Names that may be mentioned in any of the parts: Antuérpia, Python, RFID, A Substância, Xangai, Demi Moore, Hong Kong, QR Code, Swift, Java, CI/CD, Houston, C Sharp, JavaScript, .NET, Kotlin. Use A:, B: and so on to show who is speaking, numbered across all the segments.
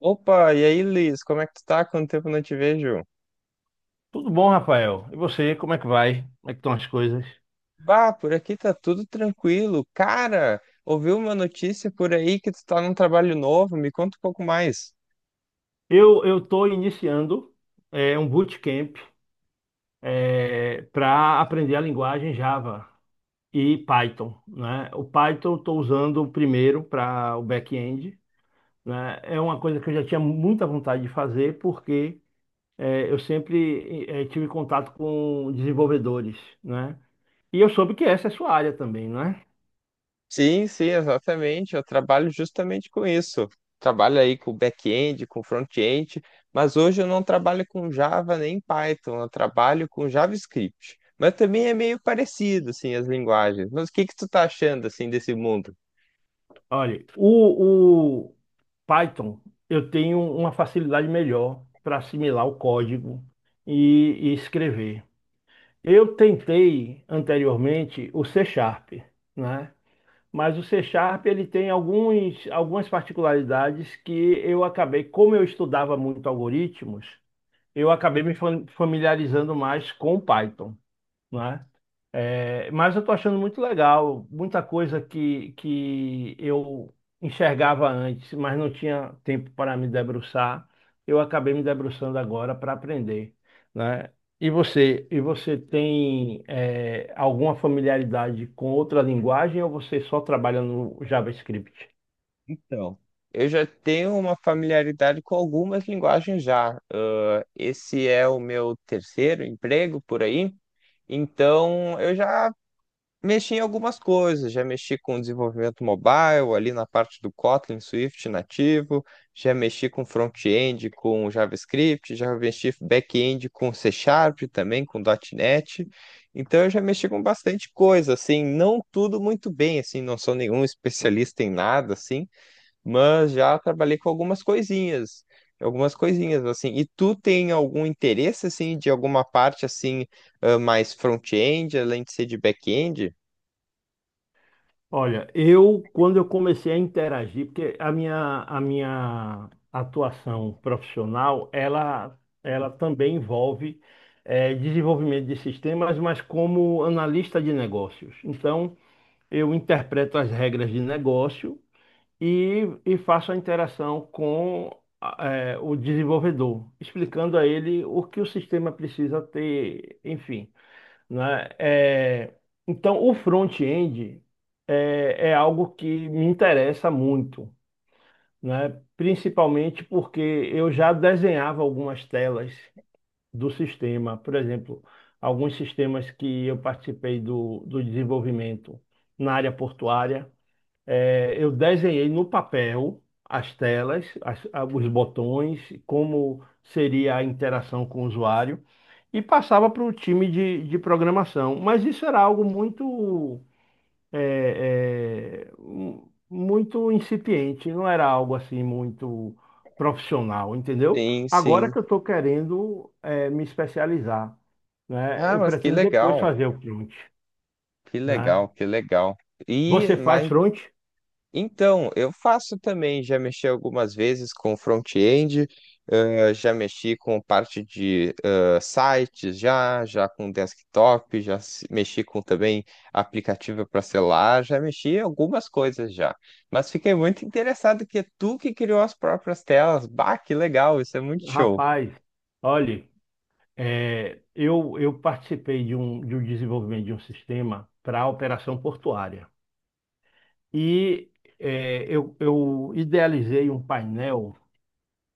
A: Opa, e aí, Liz, como é que tu tá? Quanto tempo não te vejo?
B: Tudo bom, Rafael? E você, como é que vai? Como é que estão as coisas?
A: Bah, por aqui tá tudo tranquilo. Cara, ouviu uma notícia por aí que tu tá num trabalho novo? Me conta um pouco mais.
B: Eu estou iniciando um bootcamp para aprender a linguagem Java e Python, né? O Python eu estou usando primeiro para o back-end, né? É uma coisa que eu já tinha muita vontade de fazer porque eu sempre tive contato com desenvolvedores, né? E eu soube que essa é a sua área também, né?
A: Sim, sim, exatamente. Eu trabalho justamente com isso. Trabalho aí com back-end, com front-end, mas hoje eu não trabalho com Java nem Python, eu trabalho com JavaScript. Mas também é meio parecido, assim, as linguagens. Mas o que que tu tá achando, assim, desse mundo?
B: Olha, o, Python, eu tenho uma facilidade melhor para assimilar o código e escrever. Eu tentei anteriormente o C Sharp, né? Mas o C Sharp ele tem algumas particularidades que eu acabei, como eu estudava muito algoritmos, eu acabei familiarizando mais com o Python, né? É, mas eu estou achando muito legal, muita coisa que eu enxergava antes, mas não tinha tempo para me debruçar. Eu acabei me debruçando agora para aprender, né? E você tem alguma familiaridade com outra linguagem ou você só trabalha no JavaScript?
A: Então, eu já tenho uma familiaridade com algumas linguagens já. Ah, esse é o meu terceiro emprego por aí, então eu já mexi em algumas coisas. Já mexi com desenvolvimento mobile, ali na parte do Kotlin, Swift nativo, já mexi com front-end com JavaScript, já mexi back-end com C Sharp também, com .NET. Então eu já mexi com bastante coisa, assim, não tudo muito bem, assim, não sou nenhum especialista em nada, assim, mas já trabalhei com algumas coisinhas assim. E tu tem algum interesse assim de alguma parte assim, ah, mais front-end, além de ser de back-end?
B: Olha, eu quando eu comecei a interagir, porque a minha atuação profissional, ela também envolve desenvolvimento de sistemas, mas como analista de negócios. Então, eu interpreto as regras de negócio e faço a interação com ah, o desenvolvedor, explicando a ele o que o sistema precisa ter, enfim, né? É, então, o front-end é algo que me interessa muito, né? Principalmente porque eu já desenhava algumas telas do sistema, por exemplo, alguns sistemas que eu participei do desenvolvimento na área portuária. É, eu desenhei no papel as telas, os botões, como seria a interação com o usuário, e passava para o time de programação. Mas isso era algo muito, muito incipiente, não era algo assim muito profissional, entendeu?
A: Sim,
B: Agora
A: sim.
B: que eu estou querendo, me especializar, né?
A: Ah,
B: Eu
A: mas que
B: pretendo depois
A: legal,
B: fazer o front,
A: que
B: né?
A: legal, que legal. E
B: Você faz
A: mas
B: front?
A: então, eu faço também, já mexi algumas vezes com front-end, já mexi com parte de sites, já, já com desktop, já se- mexi com também aplicativo para celular, já mexi em algumas coisas já. Mas fiquei muito interessado que é tu que criou as próprias telas. Bah, que legal, isso é muito show.
B: Rapaz, olhe. É, eu participei de um desenvolvimento de um sistema para a operação portuária. E eu idealizei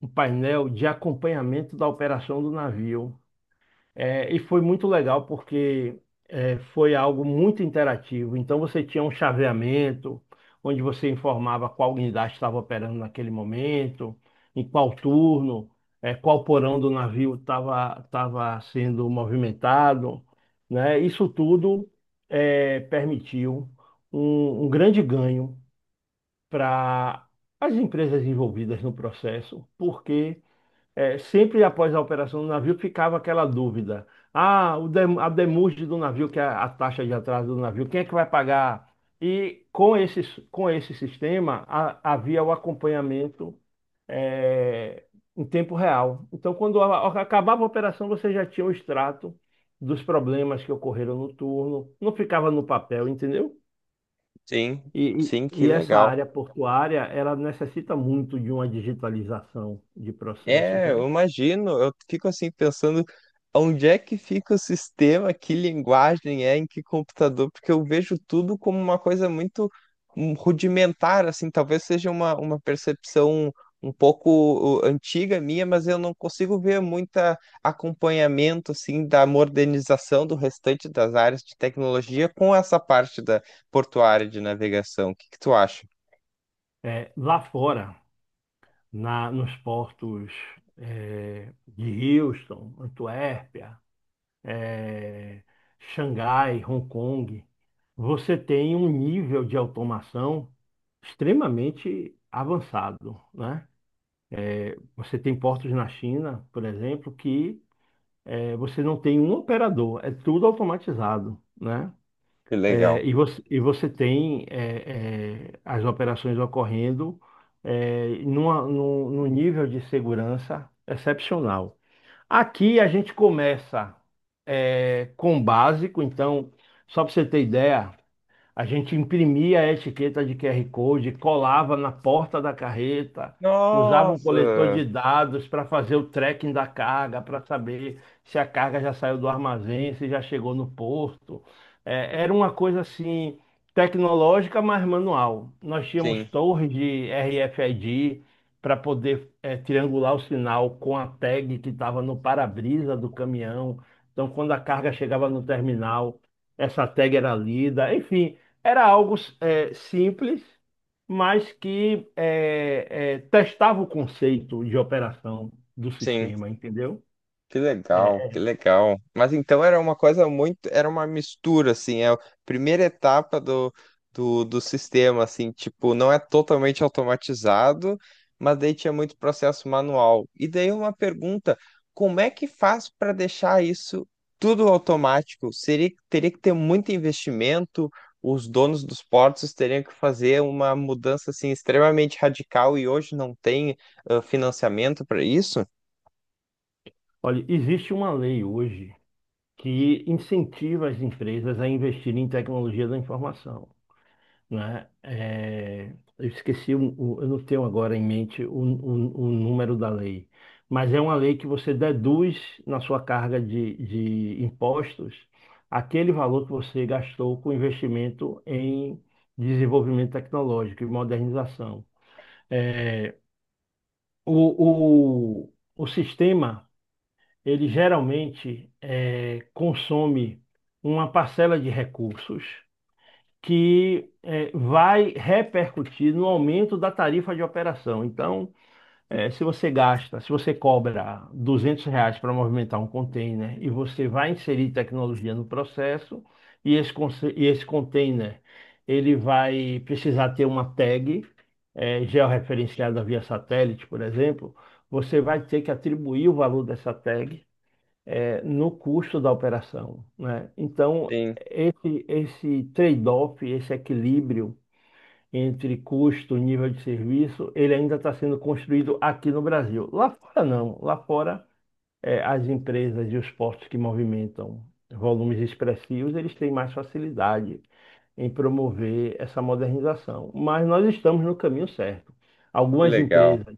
B: um painel de acompanhamento da operação do navio, e foi muito legal porque foi algo muito interativo. Então você tinha um chaveamento, onde você informava qual unidade estava operando naquele momento, em qual turno, qual porão do navio estava sendo movimentado, né? Isso tudo permitiu um grande ganho para as empresas envolvidas no processo, porque sempre após a operação do navio ficava aquela dúvida. Ah, a demurge do navio, que é a taxa de atraso do navio, quem é que vai pagar? E com com esse sistema havia o acompanhamento, é, em tempo real. Então, quando acabava a operação, você já tinha o extrato dos problemas que ocorreram no turno, não ficava no papel, entendeu?
A: Sim, sim, que
B: E essa
A: legal.
B: área portuária, ela necessita muito de uma digitalização de processos,
A: É,
B: né?
A: eu imagino, eu fico assim pensando onde é que fica o sistema, que linguagem é, em que computador, porque eu vejo tudo como uma coisa muito rudimentar, assim, talvez seja uma percepção um pouco antiga minha, mas eu não consigo ver muita acompanhamento, assim, da modernização do restante das áreas de tecnologia com essa parte da portuária de navegação. O que que tu acha?
B: É, lá fora, nos portos de Houston, Antuérpia, é, Xangai, Hong Kong, você tem um nível de automação extremamente avançado, né? Você tem portos na China, por exemplo, que você não tem um operador, é tudo automatizado, né?
A: Que
B: É,
A: legal.
B: e você tem as operações ocorrendo num nível de segurança excepcional. Aqui a gente começa com o básico, então, só para você ter ideia, a gente imprimia a etiqueta de QR Code, colava na porta da carreta, usava um coletor
A: Nossa!
B: de dados para fazer o tracking da carga, para saber se a carga já saiu do armazém, se já chegou no porto. É, era uma coisa assim tecnológica, mas manual. Nós tínhamos
A: Sim,
B: torres de RFID para poder triangular o sinal com a tag que estava no para-brisa do caminhão. Então, quando a carga chegava no terminal, essa tag era lida, enfim. Era algo simples, mas que testava o conceito de operação do
A: sim.
B: sistema, entendeu?
A: Que legal,
B: É,
A: que legal. Mas então era uma coisa muito, era uma mistura, assim, é a primeira etapa do sistema, assim, tipo, não é totalmente automatizado, mas daí tinha muito processo manual. E daí uma pergunta, como é que faz para deixar isso tudo automático? Seria, teria que ter muito investimento, os donos dos portos teriam que fazer uma mudança, assim, extremamente radical e hoje não tem, ah, financiamento para isso?
B: Olha, existe uma lei hoje que incentiva as empresas a investirem em tecnologia da informação, né? Eu esqueci, eu não tenho agora em mente o número da lei, mas é uma lei que você deduz na sua carga de impostos aquele valor que você gastou com investimento em desenvolvimento tecnológico e modernização. É, o sistema, ele geralmente consome uma parcela de recursos que vai repercutir no aumento da tarifa de operação. Então, se você cobra R$ 200 para movimentar um container e você vai inserir tecnologia no processo, e esse container ele vai precisar ter uma tag georreferenciada via satélite, por exemplo, você vai ter que atribuir o valor dessa tag no custo da operação, né? Então,
A: Sim,
B: esse trade-off, esse equilíbrio entre custo e nível de serviço, ele ainda está sendo construído aqui no Brasil. Lá fora não, lá fora as empresas e os postos que movimentam volumes expressivos, eles têm mais facilidade em promover essa modernização. Mas nós estamos no caminho certo.
A: que
B: Algumas
A: legal.
B: empresas,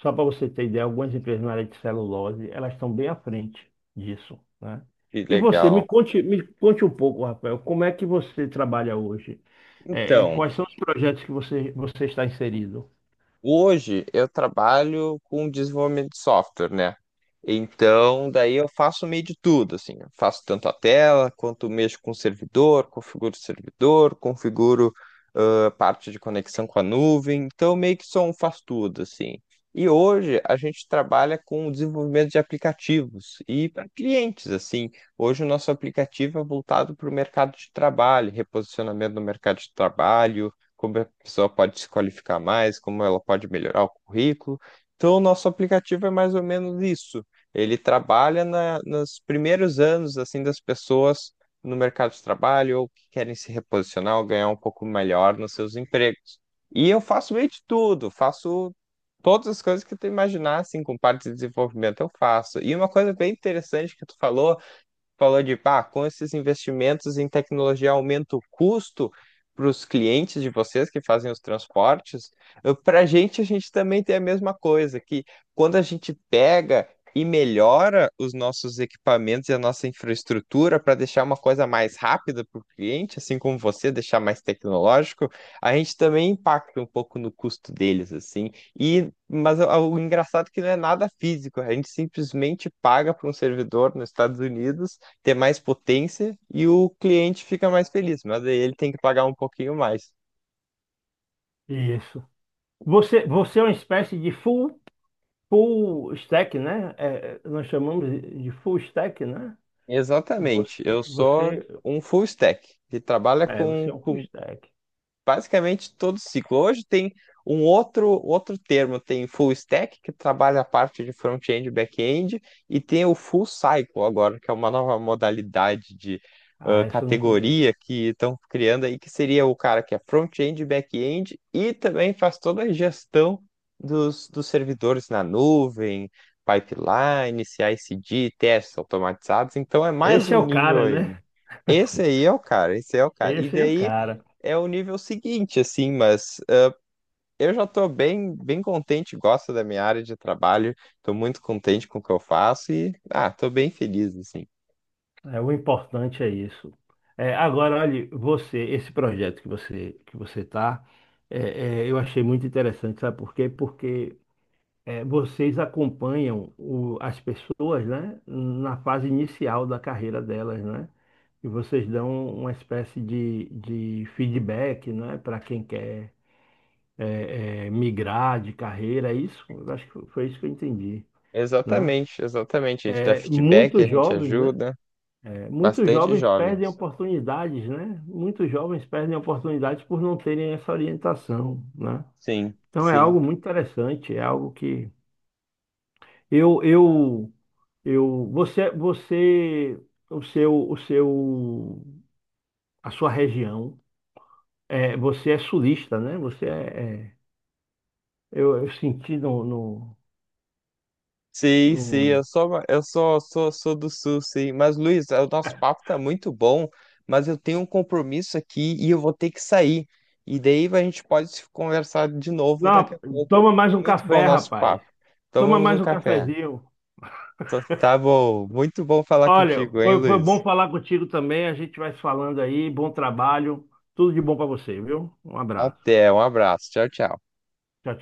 B: só para você ter ideia, algumas empresas na área de celulose, elas estão bem à frente disso, né?
A: Que
B: E você, me
A: legal.
B: conte, um pouco, Rafael, como é que você trabalha hoje?
A: Então,
B: Quais são os projetos que você está inserido?
A: hoje eu trabalho com desenvolvimento de software, né? Então, daí eu faço meio de tudo, assim, eu faço tanto a tela quanto mexo com o servidor, configuro o servidor, configuro, ah, parte de conexão com a nuvem. Então, meio que sou um faz tudo, assim. E hoje a gente trabalha com o desenvolvimento de aplicativos e para clientes, assim. Hoje o nosso aplicativo é voltado para o mercado de trabalho, reposicionamento no mercado de trabalho, como a pessoa pode se qualificar mais, como ela pode melhorar o currículo. Então, o nosso aplicativo é mais ou menos isso. Ele trabalha na, nos primeiros anos assim das pessoas no mercado de trabalho ou que querem se reposicionar ou ganhar um pouco melhor nos seus empregos. E eu faço meio de tudo, faço todas as coisas que tu imaginar, assim, com parte de desenvolvimento eu faço. E uma coisa bem interessante que tu falou de, pá, com esses investimentos em tecnologia aumenta o custo para os clientes de vocês que fazem os transportes. Para a gente também tem a mesma coisa, que quando a gente pega e melhora os nossos equipamentos e a nossa infraestrutura para deixar uma coisa mais rápida para o cliente, assim como você deixar mais tecnológico, a gente também impacta um pouco no custo deles, assim. E mas o engraçado é que não é nada físico, a gente simplesmente paga para um servidor nos Estados Unidos ter mais potência e o cliente fica mais feliz, mas aí ele tem que pagar um pouquinho mais.
B: Isso. Você é uma espécie de full. Full stack, né? Nós chamamos de full stack, né?
A: Exatamente,
B: Você,
A: eu sou
B: você,
A: um full stack que trabalha
B: você é um full
A: com
B: stack.
A: basicamente todo ciclo. Hoje tem um outro termo, tem full stack, que trabalha a parte de front-end e back-end, e tem o full cycle agora, que é uma nova modalidade de, ah,
B: Ah, esse eu não conheço.
A: categoria que estão criando aí, que seria o cara que é front-end e back-end e também faz toda a gestão dos servidores na nuvem, pipeline, ci d testes automatizados, então é mais
B: Esse é
A: um
B: o
A: nível
B: cara,
A: ainda.
B: né?
A: Esse aí é o cara, esse é o cara. E
B: Esse é o
A: daí
B: cara.
A: é o nível seguinte, assim, mas eu já estou bem, bem contente, gosto da minha área de trabalho, estou muito contente com o que eu faço e, ah, estou bem feliz, assim.
B: É, o importante é isso. É, agora, olha, você, esse projeto que você tá, eu achei muito interessante, sabe por quê? Porque é, vocês acompanham as pessoas, né, na fase inicial da carreira delas, né? E vocês dão uma espécie de feedback, né, para quem quer migrar de carreira, é isso? Eu acho que foi isso que eu entendi, né?
A: Exatamente, exatamente. A gente dá
B: É,
A: feedback, a
B: muitos
A: gente
B: jovens, né?
A: ajuda
B: Muitos
A: bastante
B: jovens perdem
A: jovens.
B: oportunidades, né? Muitos jovens perdem oportunidades por não terem essa orientação, né?
A: Sim,
B: Então é algo
A: sim.
B: muito interessante, é algo que... Eu, eu, eu, você, você, o seu, a sua região, você é sulista, né? Você é, é- eu senti no, no,
A: Sim, sim,
B: no-
A: eu sou, sou, sou do Sul, sim. Mas, Luiz, o nosso papo tá muito bom, mas eu tenho um compromisso aqui e eu vou ter que sair. E daí a gente pode se conversar de novo daqui
B: Não,
A: a pouco.
B: toma mais
A: Foi
B: um
A: muito bom o
B: café,
A: nosso
B: rapaz.
A: papo.
B: Toma
A: Tomamos
B: mais
A: um
B: um
A: café.
B: cafezinho.
A: Tá bom, muito bom falar
B: Olha,
A: contigo, hein,
B: foi
A: Luiz?
B: bom falar contigo também. A gente vai se falando aí. Bom trabalho. Tudo de bom para você, viu? Um abraço.
A: Até, um abraço. Tchau, tchau.
B: Tchau, tchau.